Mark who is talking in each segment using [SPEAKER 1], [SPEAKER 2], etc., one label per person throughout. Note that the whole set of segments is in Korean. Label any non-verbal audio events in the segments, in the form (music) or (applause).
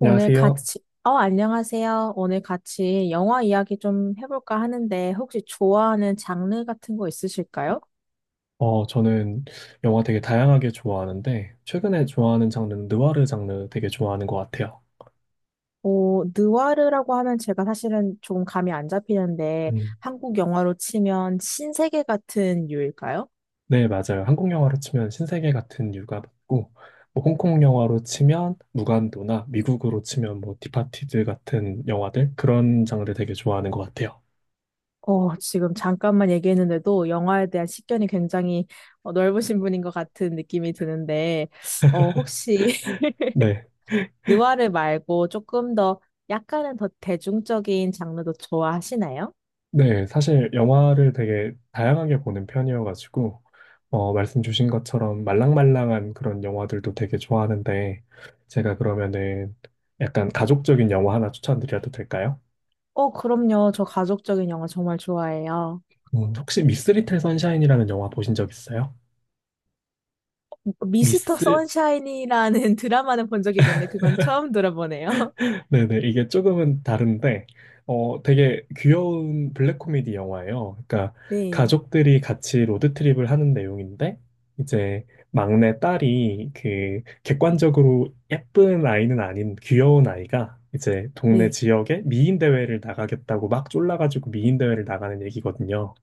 [SPEAKER 1] 오늘
[SPEAKER 2] 안녕하세요.
[SPEAKER 1] 같이, 안녕하세요. 오늘 같이 영화 이야기 좀 해볼까 하는데, 혹시 좋아하는 장르 같은 거 있으실까요?
[SPEAKER 2] 저는 영화 되게 다양하게 좋아하는데, 최근에 좋아하는 장르는 느와르 장르 되게 좋아하는 것 같아요.
[SPEAKER 1] 오, 느와르라고 하면 제가 사실은 좀 감이 안 잡히는데,
[SPEAKER 2] 음,
[SPEAKER 1] 한국 영화로 치면 신세계 같은 유일까요?
[SPEAKER 2] 네, 맞아요. 한국 영화로 치면 신세계 같은 유가 맞고, 뭐 홍콩 영화로 치면 무간도나 미국으로 치면 뭐 디파티드 같은 영화들, 그런 장르 되게 좋아하는 것 같아요.
[SPEAKER 1] 지금 잠깐만 얘기했는데도 영화에 대한 식견이 굉장히 넓으신 분인 것 같은 느낌이 드는데, 혹시 (laughs)
[SPEAKER 2] 네.
[SPEAKER 1] 느와르 말고 조금 더 약간은 더 대중적인 장르도 좋아하시나요?
[SPEAKER 2] 네, 사실 영화를 되게 다양하게 보는 편이어가지고, 말씀 주신 것처럼 말랑말랑한 그런 영화들도 되게 좋아하는데, 제가 그러면은 약간 가족적인 영화 하나 추천드려도 될까요?
[SPEAKER 1] 그럼요. 저 가족적인 영화 정말 좋아해요.
[SPEAKER 2] 음. 혹시 미스 리틀 선샤인이라는 영화 보신 적 있어요?
[SPEAKER 1] 미스터
[SPEAKER 2] 미스?
[SPEAKER 1] 선샤인이라는 (laughs) 드라마는 본 적이 있는데 그건 처음 들어보네요. (laughs)
[SPEAKER 2] 네네, 이게 조금은 다른데, 되게 귀여운 블랙 코미디 영화예요. 그러니까
[SPEAKER 1] 네,
[SPEAKER 2] 가족들이 같이 로드트립을 하는 내용인데, 이제 막내 딸이 그 객관적으로 예쁜 아이는 아닌 귀여운 아이가 이제 동네
[SPEAKER 1] 네.
[SPEAKER 2] 지역에 미인 대회를 나가겠다고 막 쫄라가지고 미인 대회를 나가는 얘기거든요.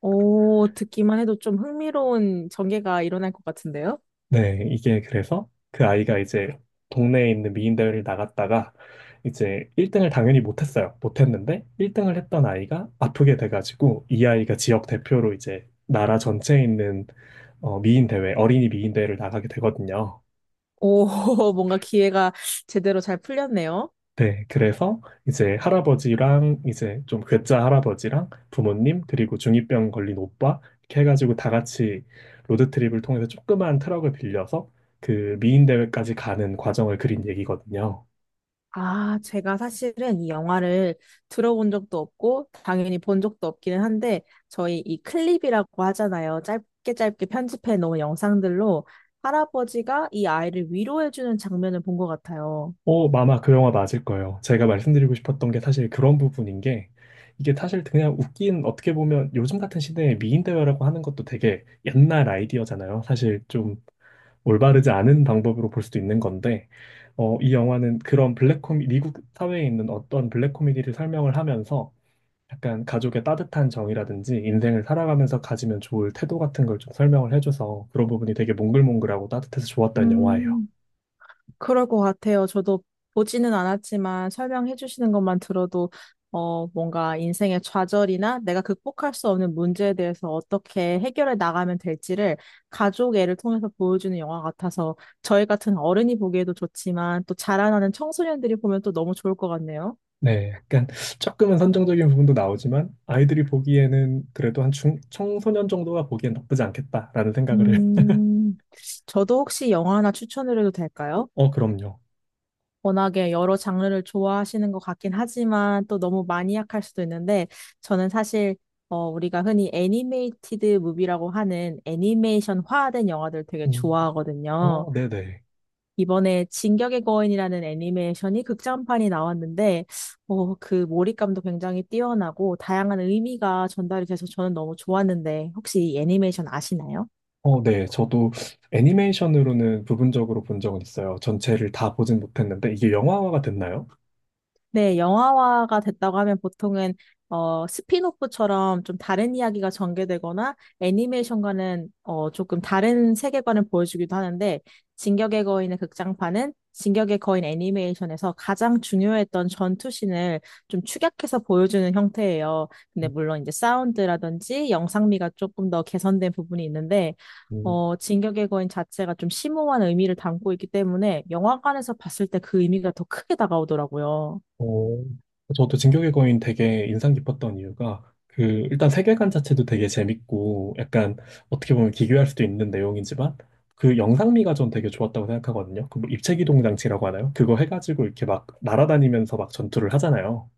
[SPEAKER 1] 오, 듣기만 해도 좀 흥미로운 전개가 일어날 것 같은데요?
[SPEAKER 2] 네, 이게 그래서 그 아이가 이제 동네에 있는 미인대회를 나갔다가 이제 1등을 당연히 못했어요. 못했는데 1등을 했던 아이가 아프게 돼가지고 이 아이가 지역 대표로 이제 나라 전체에 있는 미인대회, 어린이 미인대회를 나가게 되거든요.
[SPEAKER 1] 오, (laughs) 뭔가 기회가 제대로 잘 풀렸네요.
[SPEAKER 2] 네, 그래서 이제 할아버지랑 이제 좀 괴짜 할아버지랑 부모님 그리고 중이병 걸린 오빠 이렇게 해가지고 다 같이 로드트립을 통해서 조그만 트럭을 빌려서 그 미인 대회까지 가는 과정을 그린 얘기거든요.
[SPEAKER 1] 아, 제가 사실은 이 영화를 들어본 적도 없고, 당연히 본 적도 없기는 한데, 저희 이 클립이라고 하잖아요. 짧게 편집해 놓은 영상들로 할아버지가 이 아이를 위로해주는 장면을 본 것 같아요.
[SPEAKER 2] 어, 마마 그 영화 맞을 거예요. 제가 말씀드리고 싶었던 게 사실 그런 부분인 게 이게 사실 그냥 웃긴 어떻게 보면 요즘 같은 시대에 미인 대회라고 하는 것도 되게 옛날 아이디어잖아요. 사실 좀 올바르지 않은 방법으로 볼 수도 있는 건데, 이 영화는 그런 블랙 코미, 미국 사회에 있는 어떤 블랙 코미디를 설명을 하면서 약간 가족의 따뜻한 정이라든지 인생을 살아가면서 가지면 좋을 태도 같은 걸 좀 설명을 해줘서 그런 부분이 되게 몽글몽글하고 따뜻해서 좋았던 영화예요.
[SPEAKER 1] 음. 그럴 것 같아요. 저도 보지는 않았지만 설명해 주시는 것만 들어도 뭔가 인생의 좌절이나 내가 극복할 수 없는 문제에 대해서 어떻게 해결해 나가면 될지를 가족 애를 통해서 보여주는 영화 같아서 저희 같은 어른이 보기에도 좋지만 또 자라나는 청소년들이 보면 또 너무 좋을 것 같네요.
[SPEAKER 2] 네, 약간 조금은 선정적인 부분도 나오지만 아이들이 보기에는 그래도 한 중, 청소년 정도가 보기엔 나쁘지 않겠다라는 생각을 해요.
[SPEAKER 1] 음, 저도 혹시 영화 하나 추천을 해도 될까요?
[SPEAKER 2] 어, 그럼요.
[SPEAKER 1] 워낙에 여러 장르를 좋아하시는 것 같긴 하지만 또 너무 마니악할 수도 있는데 저는 사실 우리가 흔히 애니메이티드 무비라고 하는 애니메이션화된 영화들 되게
[SPEAKER 2] 음,
[SPEAKER 1] 좋아하거든요.
[SPEAKER 2] 어, 네네.
[SPEAKER 1] 이번에 진격의 거인이라는 애니메이션이 극장판이 나왔는데 어, 그 몰입감도 굉장히 뛰어나고 다양한 의미가 전달이 돼서 저는 너무 좋았는데 혹시 이 애니메이션 아시나요?
[SPEAKER 2] 어, 네. 저도 애니메이션으로는 부분적으로 본 적은 있어요. 전체를 다 보진 못했는데, 이게 영화화가 됐나요?
[SPEAKER 1] 네, 영화화가 됐다고 하면 보통은 스핀오프처럼 좀 다른 이야기가 전개되거나 애니메이션과는 조금 다른 세계관을 보여주기도 하는데 진격의 거인의 극장판은 진격의 거인 애니메이션에서 가장 중요했던 전투신을 좀 축약해서 보여주는 형태예요. 근데 물론 이제 사운드라든지 영상미가 조금 더 개선된 부분이 있는데
[SPEAKER 2] 음,
[SPEAKER 1] 진격의 거인 자체가 좀 심오한 의미를 담고 있기 때문에 영화관에서 봤을 때 그 의미가 더 크게 다가오더라고요.
[SPEAKER 2] 어, 저도 진격의 거인 되게 인상 깊었던 이유가 그 일단 세계관 자체도 되게 재밌고 약간 어떻게 보면 기괴할 수도 있는 내용이지만 그 영상미가 전 되게 좋았다고 생각하거든요. 그뭐 입체기동 장치라고 하나요? 그거 해가지고 이렇게 막 날아다니면서 막 전투를 하잖아요.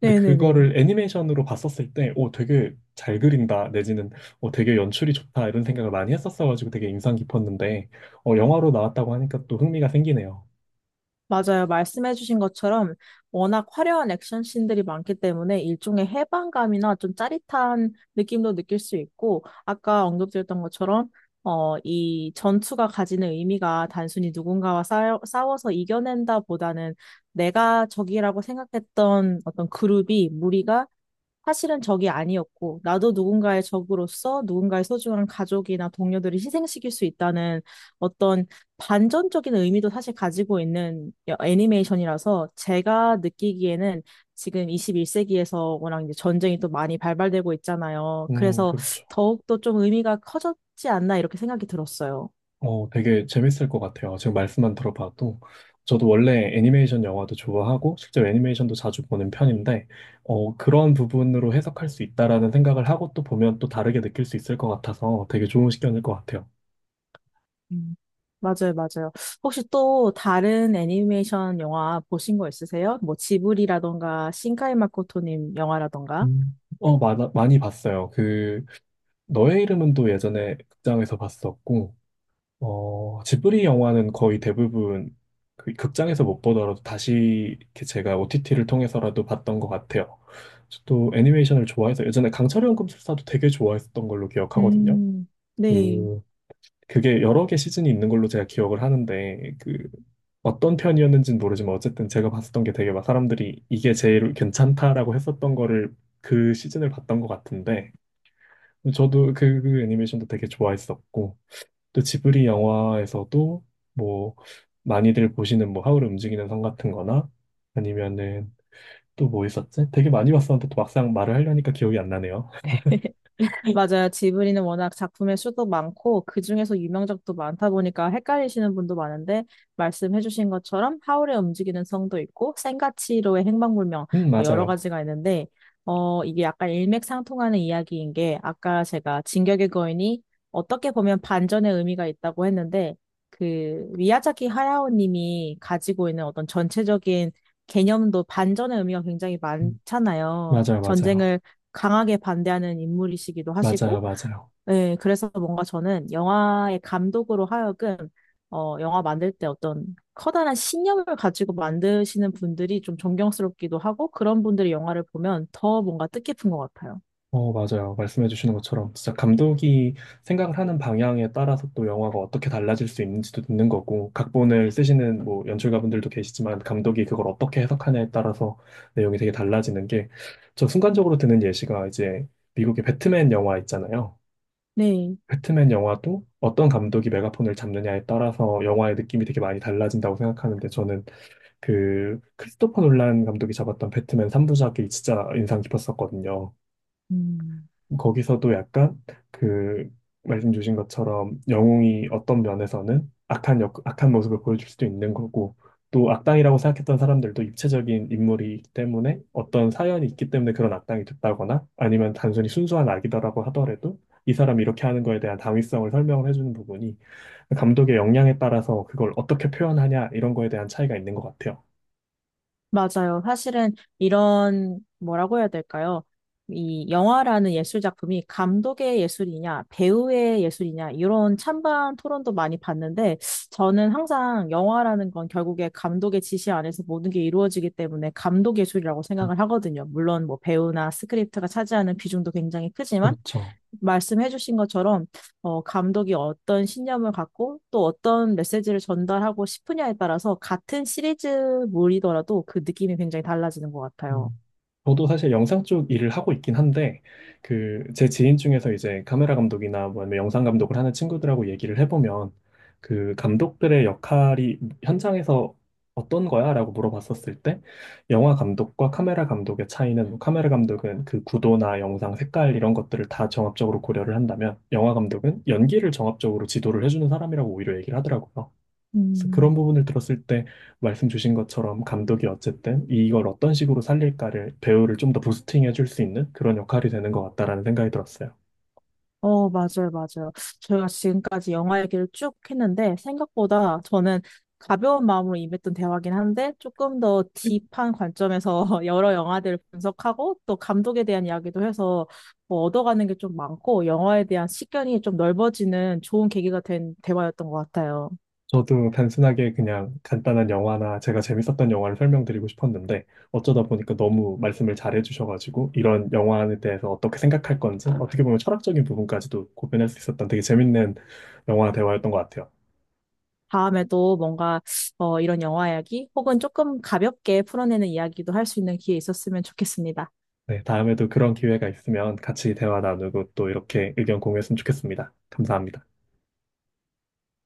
[SPEAKER 2] 근데
[SPEAKER 1] 네네네.
[SPEAKER 2] 그거를 애니메이션으로 봤었을 때, 오, 되게 잘 그린다, 내지는, 되게 연출이 좋다, 이런 생각을 많이 했었어가지고 되게 인상 깊었는데, 영화로 나왔다고 하니까 또 흥미가 생기네요.
[SPEAKER 1] 맞아요. 말씀해주신 것처럼 워낙 화려한 액션 씬들이 많기 때문에 일종의 해방감이나 좀 짜릿한 느낌도 느낄 수 있고, 아까 언급드렸던 것처럼, 이 전투가 가지는 의미가 단순히 누군가와 싸워서 이겨낸다 보다는 내가 적이라고 생각했던 어떤 그룹이, 무리가 사실은 적이 아니었고, 나도 누군가의 적으로서 누군가의 소중한 가족이나 동료들을 희생시킬 수 있다는 어떤 반전적인 의미도 사실 가지고 있는 애니메이션이라서 제가 느끼기에는 지금 21세기에서 워낙 이제 전쟁이 또 많이 발발되고 있잖아요. 그래서
[SPEAKER 2] 그렇죠.
[SPEAKER 1] 더욱더 좀 의미가 커졌지 않나 이렇게 생각이 들었어요.
[SPEAKER 2] 어, 되게 재밌을 것 같아요. 지금 말씀만 들어봐도. 저도 원래 애니메이션 영화도 좋아하고, 실제 애니메이션도 자주 보는 편인데, 그런 부분으로 해석할 수 있다라는 생각을 하고 또 보면 또 다르게 느낄 수 있을 것 같아서 되게 좋은 시견일 것 같아요.
[SPEAKER 1] 음, 맞아요, 맞아요. 혹시 또 다른 애니메이션 영화 보신 거 있으세요? 뭐 지브리라던가 신카이 마코토님 영화라던가?
[SPEAKER 2] 음. 어, 많아, 많이 봤어요. 그 너의 이름은 또 예전에 극장에서 봤었고, 지브리 영화는 거의 대부분 그 극장에서 못 보더라도 다시 이렇게 제가 OTT를 통해서라도 봤던 것 같아요. 저도 애니메이션을 좋아해서 예전에 강철의 연금술사도 되게 좋아했었던 걸로 기억하거든요.
[SPEAKER 1] 음, 네.
[SPEAKER 2] 그, 그게 여러 개 시즌이 있는 걸로 제가 기억을 하는데, 그, 어떤 편이었는지는 모르지만 어쨌든 제가 봤었던 게 되게 막 사람들이 이게 제일 괜찮다라고 했었던 거를 그 시즌을 봤던 것 같은데, 저도 그, 그 애니메이션도 되게 좋아했었고, 또 지브리 영화에서도 뭐, 많이들 보시는 뭐, 하울의 움직이는 성 같은 거나, 아니면은 또 뭐 있었지? 되게 많이 봤었는데 또 막상 말을 하려니까 기억이 안 나네요.
[SPEAKER 1] 맞아요. 지브리는 워낙 작품의 수도 많고, 그중에서 유명작도 많다 보니까 헷갈리시는 분도 많은데, 말씀해주신 것처럼 하울의 움직이는 성도 있고, 센가치로의 행방불명, 뭐 여러
[SPEAKER 2] 맞아요.
[SPEAKER 1] 가지가 있는데, 이게 약간 일맥상통하는 이야기인 게, 아까 제가 진격의 거인이 어떻게 보면 반전의 의미가 있다고 했는데, 그, 미야자키 하야오 님이 가지고 있는 어떤 전체적인 개념도 반전의 의미가 굉장히
[SPEAKER 2] 음,
[SPEAKER 1] 많잖아요.
[SPEAKER 2] 맞아요, 맞아요.
[SPEAKER 1] 전쟁을 강하게 반대하는 인물이시기도
[SPEAKER 2] 맞아요,
[SPEAKER 1] 하시고,
[SPEAKER 2] 맞아요.
[SPEAKER 1] 예, 그래서 뭔가 저는 영화의 감독으로 하여금, 영화 만들 때 어떤 커다란 신념을 가지고 만드시는 분들이 좀 존경스럽기도 하고, 그런 분들이 영화를 보면 더 뭔가 뜻깊은 것 같아요.
[SPEAKER 2] 어, 맞아요. 말씀해 주시는 것처럼 진짜 감독이 생각을 하는 방향에 따라서 또 영화가 어떻게 달라질 수 있는지도 있는 거고, 각본을 쓰시는 뭐 연출가분들도 계시지만 감독이 그걸 어떻게 해석하냐에 따라서 내용이 되게 달라지는 게, 저 순간적으로 드는 예시가 이제 미국의 배트맨 영화 있잖아요.
[SPEAKER 1] 네.
[SPEAKER 2] 배트맨 영화도 어떤 감독이 메가폰을 잡느냐에 따라서 영화의 느낌이 되게 많이 달라진다고 생각하는데 저는 그 크리스토퍼 놀란 감독이 잡았던 배트맨 3부작이 진짜 인상 깊었었거든요.
[SPEAKER 1] 음.
[SPEAKER 2] 거기서도 약간 그 말씀 주신 것처럼 영웅이 어떤 면에서는 악한 역, 악한 모습을 보여줄 수도 있는 거고 또 악당이라고 생각했던 사람들도 입체적인 인물이기 때문에 어떤 사연이 있기 때문에 그런 악당이 됐다거나 아니면 단순히 순수한 악이다라고 하더라도 이 사람이 이렇게 하는 거에 대한 당위성을 설명을 해주는 부분이 감독의 역량에 따라서 그걸 어떻게 표현하냐 이런 거에 대한 차이가 있는 것 같아요.
[SPEAKER 1] 맞아요. 사실은 이런, 뭐라고 해야 될까요? 이 영화라는 예술 작품이 감독의 예술이냐, 배우의 예술이냐, 이런 찬반 토론도 많이 봤는데, 저는 항상 영화라는 건 결국에 감독의 지시 안에서 모든 게 이루어지기 때문에 감독 예술이라고 생각을 하거든요. 물론 뭐 배우나 스크립트가 차지하는 비중도 굉장히 크지만,
[SPEAKER 2] 그렇죠.
[SPEAKER 1] 말씀해 주신 것처럼 감독이 어떤 신념을 갖고 또 어떤 메시지를 전달하고 싶으냐에 따라서 같은 시리즈물이더라도 그 느낌이 굉장히 달라지는 것 같아요.
[SPEAKER 2] 음. 저도 사실 영상 쪽 일을 하고 있긴 한데, 그, 제 지인 중에서 이제 카메라 감독이나 뭐 아니면 영상 감독을 하는 친구들하고 얘기를 해보면, 그 감독들의 역할이 현장에서 어떤 거야? 라고 물어봤었을 때, 영화 감독과 카메라 감독의 차이는, 뭐 카메라 감독은 그 구도나 영상 색깔 이런 것들을 다 종합적으로 고려를 한다면, 영화 감독은 연기를 종합적으로 지도를 해주는 사람이라고 오히려 얘기를 하더라고요. 그래서 그런
[SPEAKER 1] 음.
[SPEAKER 2] 부분을 들었을 때 말씀 주신 것처럼 감독이 어쨌든 이걸 어떤 식으로 살릴까를 배우를 좀 더 부스팅해 줄 수 있는 그런 역할이 되는 것 같다라는 생각이 들었어요.
[SPEAKER 1] 맞아요, 맞아요. 저희가 지금까지 영화 얘기를 쭉 했는데, 생각보다 저는 가벼운 마음으로 임했던 대화긴 한데, 조금 더 딥한 관점에서 (laughs) 여러 영화들을 분석하고, 또 감독에 대한 이야기도 해서 뭐 얻어가는 게 좀 많고, 영화에 대한 식견이 좀 넓어지는 좋은 계기가 된 대화였던 것 같아요.
[SPEAKER 2] 저도 단순하게 그냥 간단한 영화나 제가 재밌었던 영화를 설명드리고 싶었는데 어쩌다 보니까 너무 말씀을 잘해 주셔가지고 이런 영화에 대해서 어떻게 생각할 건지 어떻게 보면 철학적인 부분까지도 고민할 수 있었던 되게 재밌는 영화 대화였던 것 같아요.
[SPEAKER 1] 다음에도 뭔가 이런 영화 이야기, 혹은 조금 가볍게 풀어내는 이야기도 할 수 있는 기회 있었으면 좋겠습니다.
[SPEAKER 2] 네, 다음에도 그런 기회가 있으면 같이 대화 나누고 또 이렇게 의견 공유했으면 좋겠습니다. 감사합니다.